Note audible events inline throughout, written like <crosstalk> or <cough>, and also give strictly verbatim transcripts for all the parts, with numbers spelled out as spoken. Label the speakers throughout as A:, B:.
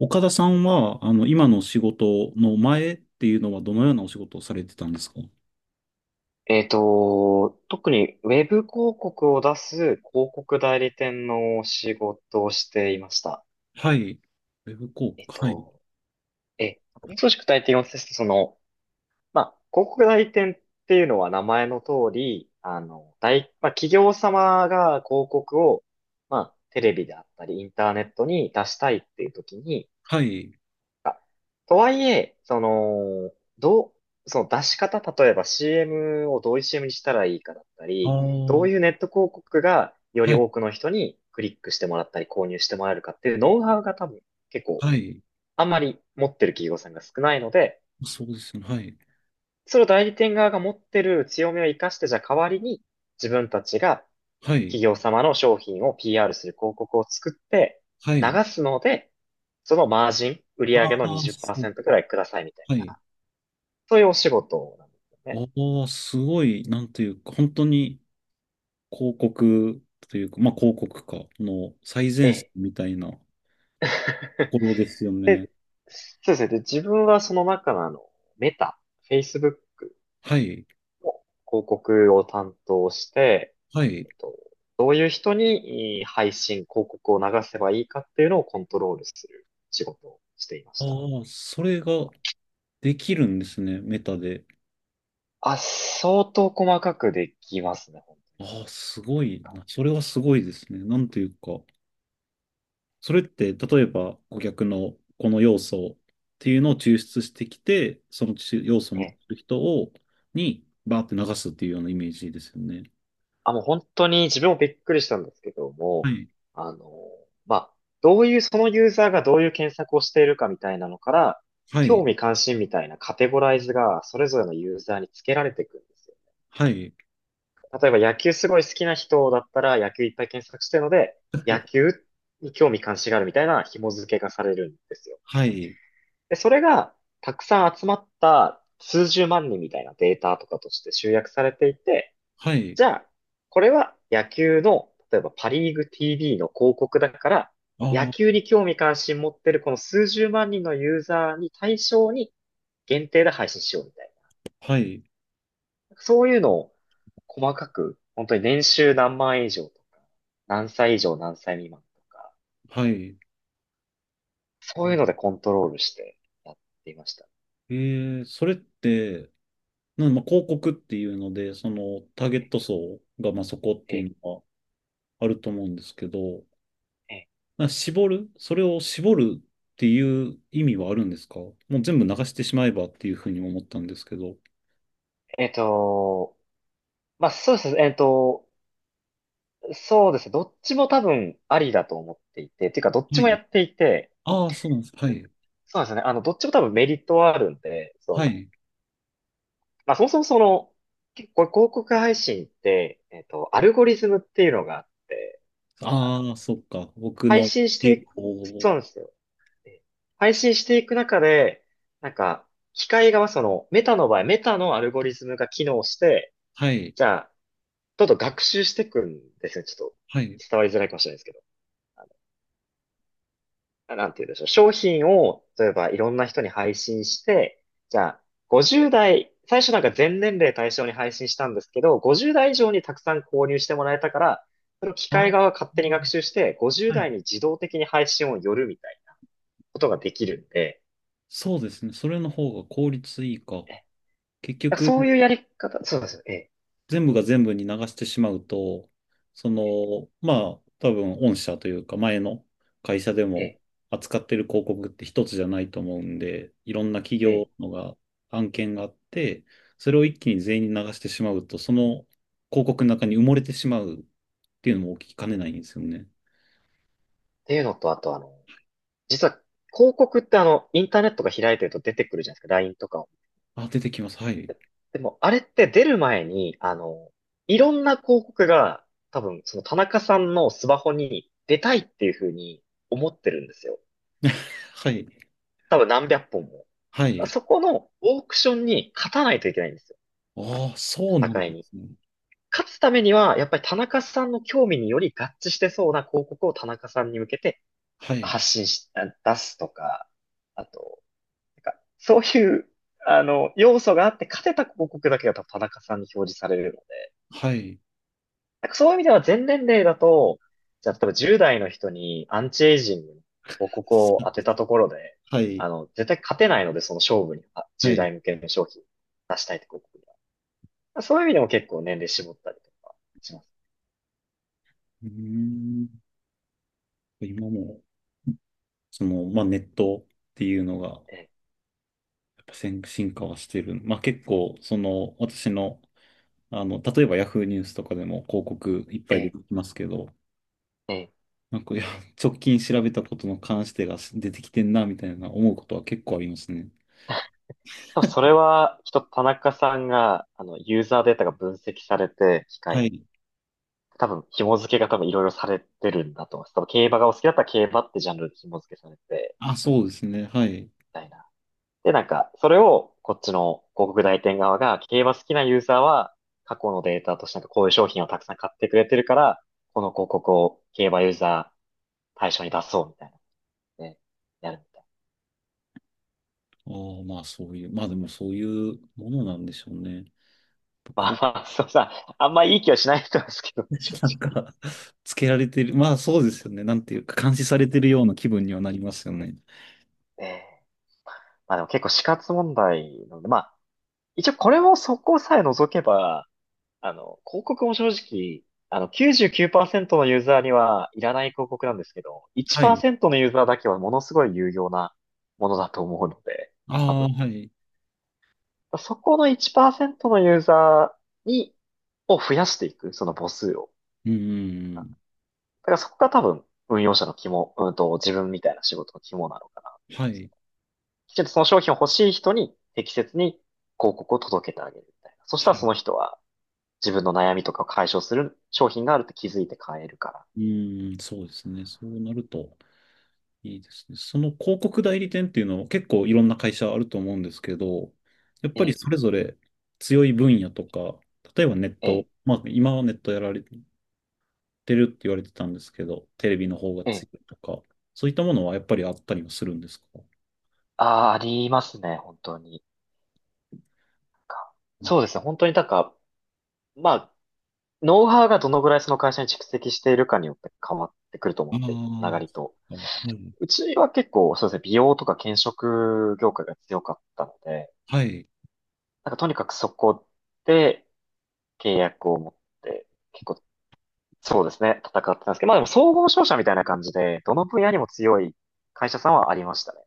A: 岡田さんは、あの、今の仕事の前っていうのはどのようなお仕事をされてたんですか？
B: えっと、特にウェブ広告を出す広告代理店の仕事をしていました。
A: はい。ウェブ広
B: えっ
A: 告。はい。
B: と、え、少し具体的すその、まあ、広告代理店っていうのは名前の通り、あの、大、まあ、企業様が広告を、まあ、テレビであったり、インターネットに出したいっていう時に、
A: はい。
B: とはいえ、その、どう、その出し方、例えば シーエム をどういう シーエム にしたらいいかだった
A: ああ、
B: り、どう
A: は
B: いうネット広告がより
A: い、
B: 多くの人にクリックしてもらったり購入してもらえるかっていうノウハウが多分結構
A: はい。
B: あんまり持ってる企業さんが少ないので、
A: そうですね。はい。
B: それを代理店側が持ってる強みを活かして、じゃあ代わりに自分たちが
A: はい。
B: 企業様の商品を ピーアール する広告を作って
A: は
B: 流
A: い。
B: すので、そのマージン、売上
A: あ
B: の
A: あ、そう。
B: にじゅうパーセントくらいくださいみたい
A: は
B: な。
A: い。
B: そういうお仕事なんですよね。
A: ああ、すごい、なんていうか、本当に広告というか、まあ広告か、の最
B: え
A: 前線
B: え。
A: みたいなところですよ
B: <laughs>
A: ね。
B: で、そうですね。で、自分はその中のあの、メタ、Facebook
A: はい。
B: 広告を担当して、
A: はい。
B: えっと、どういう人にいい配信、広告を流せばいいかっていうのをコントロールする仕事をしていま
A: あ
B: した。
A: あ、それができるんですね、メタで。
B: あ、相当細かくできますね、本
A: ああ、すごいな。それはすごいですね。なんというか、それって、例えば、顧客のこの要素っていうのを抽出してきて、その要素を
B: 当
A: 持
B: に。
A: って
B: え
A: る人を、に、バーって流すっていうようなイメージですよね。
B: あ、もう本当に自分もびっくりしたんですけど
A: は
B: も、
A: い。
B: あの、まあ、どういう、そのユーザーがどういう検索をしているかみたいなのから、
A: は
B: 興
A: い。
B: 味関心みたいなカテゴライズがそれぞれのユーザーにつけられていくんですよ。
A: はい。
B: 例えば野球すごい好きな人だったら野球いっぱい検索してるので、野球に興味関心があるみたいな紐付けがされるんですよ。
A: はい。
B: で、それがたくさん集まった数十万人みたいなデータとかとして集約されていて、
A: はい。
B: じゃあ、これは野球の、例えばパリーグ ティーブイ の広告だから、
A: あ
B: 野
A: あ、
B: 球に興味関心持ってるこの数十万人のユーザーに対象に限定で配信しようみたい
A: はい。
B: な。そういうのを細かく、本当に年収何万円以上とか、何歳以上何歳未満とか、
A: はい。
B: そういうのでコントロールしてやっていました。
A: えーそれって、なんまあ、広告っていうので、そのターゲット層がまあそこって
B: え
A: い
B: え、
A: うのはあると思うんですけど、
B: え
A: な絞るそれを絞るっていう意味はあるんですか？もう全部流してしまえばっていうふうに思ったんですけど。
B: ええっと、まあ、そうですね、えっと、そうですね、どっちも多分ありだと思っていて、っていうかどっ
A: は
B: ちもや
A: い。
B: っていて、
A: ああ、そうなんです。はい。
B: そうですね。あの、どっちも多分メリットはあるんで、そ
A: は
B: の、
A: い。
B: まあそもそもその、結構広告配信って、えっと、アルゴリズムっていうのがあって、あの
A: ああ、そっか。僕
B: 配
A: の
B: 信して
A: 傾
B: いく、そう
A: 向。
B: なんですよ。で配信していく中で、なんか、機械側、その、メタの場合、メタのアルゴリズムが機能して、
A: はい。
B: じゃあ、どんどん学習していくんですね。ちょっと、
A: はい。
B: 伝わりづらいかもしれないですけど。なんて言うんでしょう。商品を、例えばいろんな人に配信して、じゃあ、ごじゅう代、最初なんか全年齢対象に配信したんですけど、ごじゅう代以上にたくさん購入してもらえたから、それを機
A: あ
B: 械
A: あ、
B: 側が勝手に学習して、ごじゅう
A: はい。
B: 代に自動的に配信を寄るみたいなことができるんで、
A: そうですね。それの方が効率いいか。結
B: え
A: 局、
B: そういうやり方、そうですよ。ええ、
A: 全部が全部に流してしまうと、その、まあ、多分、御社というか、前の会社で
B: ええ、
A: も扱ってる広告って一つじゃないと思うんで、いろんな企
B: ええ。
A: 業のが、案件があって、それを一気に全員に流してしまうと、その広告の中に埋もれてしまうっていうのも起きかねないんですよね。
B: っていうのと、あとあの、実は広告ってあの、インターネットが開いてると出てくるじゃないですか。ライン とか
A: あ、出てきます。はい。
B: でも、あれって出る前に、あの、いろんな広告が、多分、その田中さんのスマホに出たいっていうふうに思ってるんですよ。
A: はい。
B: 多分何百本も。だか
A: は
B: ら
A: い。
B: そこのオークションに勝たないといけないんですよ。
A: ああ、そうなんで
B: 戦いに。
A: すね。
B: 勝つためには、やっぱり田中さんの興味により合致してそうな広告を田中さんに向けて
A: はい。
B: 発信し、あ出すとか、あと、なんか、そういう、あの、要素があって勝てた広告だけが多分田中さんに表示されるの。
A: はい。
B: なんかそういう意味では全年齢だと、じゃあ例えばじゅう代の人にアンチエイジングの広告を当てたところで、
A: はい。
B: あの、絶対勝てないので、その勝負に、あ
A: は
B: じゅう
A: い。
B: 代向けの商品出したいって広告には。そういう意味でも結構年齢絞ったりとかします。
A: うーん。今も。その、まあ、ネットっていうのが、や
B: ええ、
A: っぱ先進化はしてる。まあ、結構、その、私の、あの、例えばヤフーニュースとかでも広告いっぱ
B: え
A: い出
B: え、
A: てきますけど、
B: ええ。
A: なんか、いや、<laughs> 直近調べたことの関してが出てきてんな、みたいな思うことは結構ありますね。
B: 多分それは、きっと田中さんが、あの、ユーザーデータが分析されて、機械
A: は
B: に、
A: い。
B: 多分紐付けが多分いろいろされてるんだと思います。多分競馬がお好きだったら競馬ってジャンルで紐付けされて、
A: あ、そうですね。はい。
B: みたいな。で、なんか、それをこっちの広告代理店側が、競馬好きなユーザーは過去のデータとしてなんかこういう商品をたくさん買ってくれてるから、この広告を競馬ユーザー対象に出そうみたいなね、やるみたいな。
A: あーまあ、そういう、まあ、でもそういうものなんでしょうね。
B: ま
A: こ
B: あ
A: う、
B: まあ、そうさ、あんまいい気はしない人ですけどね、正
A: <laughs> なん
B: 直。
A: か <laughs>、つけられてる。まあ、そうですよね。なんていうか、監視されてるような気分にはなりますよね。
B: えーまあでも結構死活問題なので、まあ、一応これもそこさえ除けば、あの、広告も正直、あの、きゅうじゅうきゅうパーセントのユーザーにはいらない広告なんですけど、
A: はい。
B: いちパーセントのユーザーだけはものすごい有用なものだと思うので、
A: あ
B: 多
A: あ、
B: 分。
A: はい。
B: そこのいちパーセントのユーザーに、を増やしていく、その母数を。
A: うんうん
B: だからそこが多分、運用者の肝、うんと、自分みたいな仕事の肝なのかなっ
A: うん。
B: ていう。
A: はい。
B: きちんとその商品を欲しい人に適切に広告を届けてあげるみたいな。そし
A: は
B: たらそ
A: い。
B: の人は自分の悩みとかを解消する商品があるって気づいて買えるから。
A: うん、そうですね。そうなるといいですね。その広告代理店っていうのは結構いろんな会社あると思うんですけど、やっ
B: え
A: ぱり
B: え、
A: それぞれ強い分野とか、例えばネッ
B: え
A: ト、
B: え、
A: まあ今はネットやられてるって言われてたんですけど、テレビの方が
B: ええ。
A: 強いとか、そういったものはやっぱりあったりはするんですか？
B: ああ、ありますね、本当に。かそうですね、本当になんか、まあ、ノウハウがどのぐらいその会社に蓄積しているかによって変わってくると思っ
A: ああ
B: ていて、つなが
A: ー、
B: りと。
A: あはい。
B: うちは結構、そうですね、美容とか検食業界が強かったので、
A: はい。
B: なんかとにかくそこで契約を持って、結構、そうですね、戦ってたんですけど、まあでも総合商社みたいな感じで、どの分野にも強い会社さんはありましたね。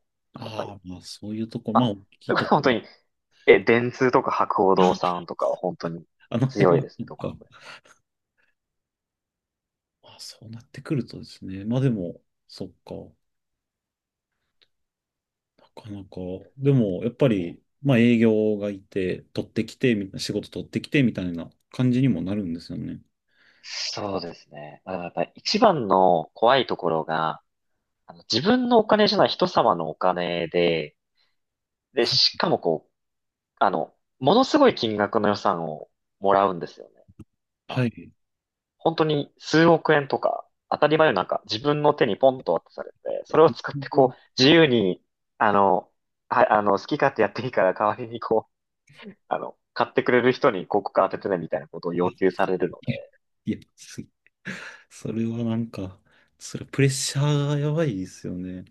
B: やっぱり。
A: ああ、まあそういうとこ、まあ
B: あ、
A: 大き
B: そ
A: い
B: れこ
A: と
B: そ
A: こ
B: 本
A: ろ。
B: 当に、え、電通とか博報堂さんとかは本当に
A: あの辺
B: 強い
A: は、
B: です
A: そ
B: ね、
A: っ
B: どこの
A: か。
B: 国。
A: あ、そうなってくるとですね。まあでも、そっか。なかなか。でも、やっぱ
B: え
A: り、まあ営業がいて、取ってきて、みたいな、仕事取ってきて、みたいな感じにもなるんですよね。
B: そうですね。まあ、やっぱり一番の怖いところが、あの、自分のお金じゃない人様のお金で、で、しかもこう、あの、ものすごい金額の予算をもらうんですよね。ま
A: は
B: あ、
A: い。
B: 本当に数億円とか、当たり前のなんか自分の手にポンと渡されて、それを使ってこう、自由に、あの、はい、あの、好き勝手やっていいから代わりにこあの、買ってくれる人に広告当ててねみたいなことを要求されるの
A: い
B: で、
A: や、いやすそれはなんか、それプレッシャーがやばいですよね。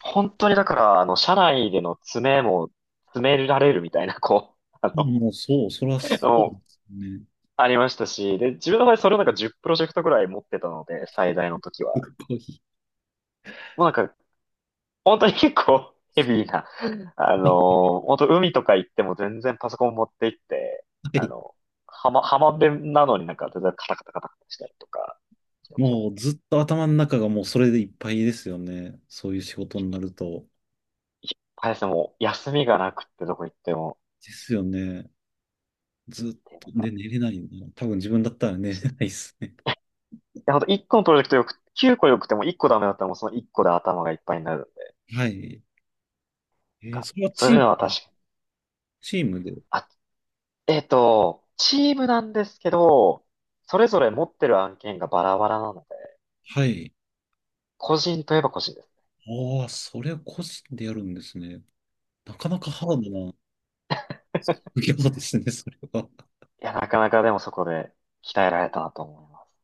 B: 本当にだから、あの、社内での詰めも、詰められるみたいな、こう、<laughs> あ
A: まあ
B: の、
A: もうそう、そらそうで
B: の
A: すね。
B: ありましたし、で、自分の場合それをなんかじゅうプロジェクトぐらい持ってたので、最大の時
A: す
B: は。
A: ごい。
B: もうなんか、本当に結構 <laughs> ヘビーな、あ
A: <laughs>
B: のー、本当海とか行っても全然パソコン持って行って、
A: は
B: あ
A: い。
B: の、浜、浜辺なのになんか全然カタカタカタカタしたりとかしてましたね。
A: もうずっと頭の中がもうそれでいっぱいですよね。そういう仕事になると。
B: いっぱいですね、もう休みがなくってどこ行っても、
A: ですよね。ずっ
B: なん
A: と、で、
B: か
A: 寝れないよな。多分自分だったら寝れ <laughs> ないですね。
B: や、ほんといっこのプロジェクトよく、きゅうこよくてもいっこダメだったらもうそのいっこで頭がいっぱいになるんで、
A: <laughs> はい。え
B: な
A: ー
B: んか
A: それは
B: そう
A: チ
B: い
A: ー
B: うのは
A: ム、
B: 確かに。
A: チームで。
B: あ、えっと、チームなんですけど、それぞれ持ってる案件がバラバラなので、
A: はい。
B: 個人といえば個人です。
A: ああ、それは個人でやるんですね。なかなか
B: 結
A: ハー
B: 構。
A: ドな <laughs> 副業ですね、それは。
B: いや、なかなかでもそこで鍛えられたなと思います。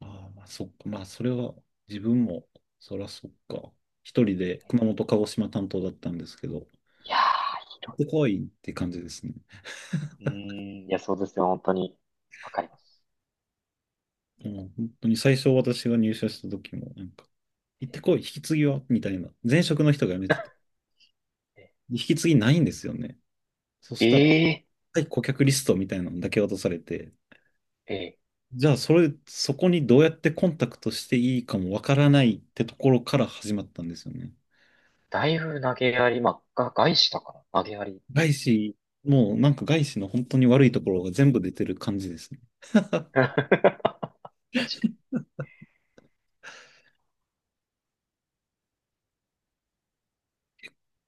A: ああ、まあ、そっか。まあ、それは自分も、そらそっか。一人で熊本、鹿児島担当だったんですけど、
B: いやー、
A: 行っ
B: 広
A: てこいって感じですね。
B: い。うーん、いや、そうですよ、本当に。わかります。
A: もう本当に最初私が入社した時も、なんか、行ってこい、引き継ぎはみたいな。前職の人が辞めてて、
B: <laughs>
A: 引き継ぎないんですよね。そし
B: え
A: たら、
B: えー、
A: はい、顧客リストみたいなのだけ渡されて、
B: ええ、
A: じゃあそれ、そこにどうやってコンタクトしていいかもわからないってところから始まったんですよね。
B: だいぶ投げやり、まあ、が、外資だから、投げやり。
A: 外資、もうなんか外資の本当に悪いところが全部出てる感じですね。
B: <laughs> 確か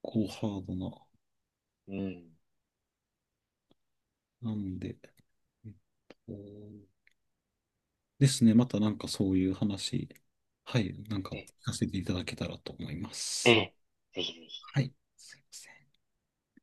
A: こうハードな。
B: に。うん。
A: なんで、えっと、ですね、またなんかそういう話、はい、なんか聞
B: ええ
A: かせていただけたらと思いま
B: え
A: す。
B: え、ぜひぜひ。
A: はい、すいません。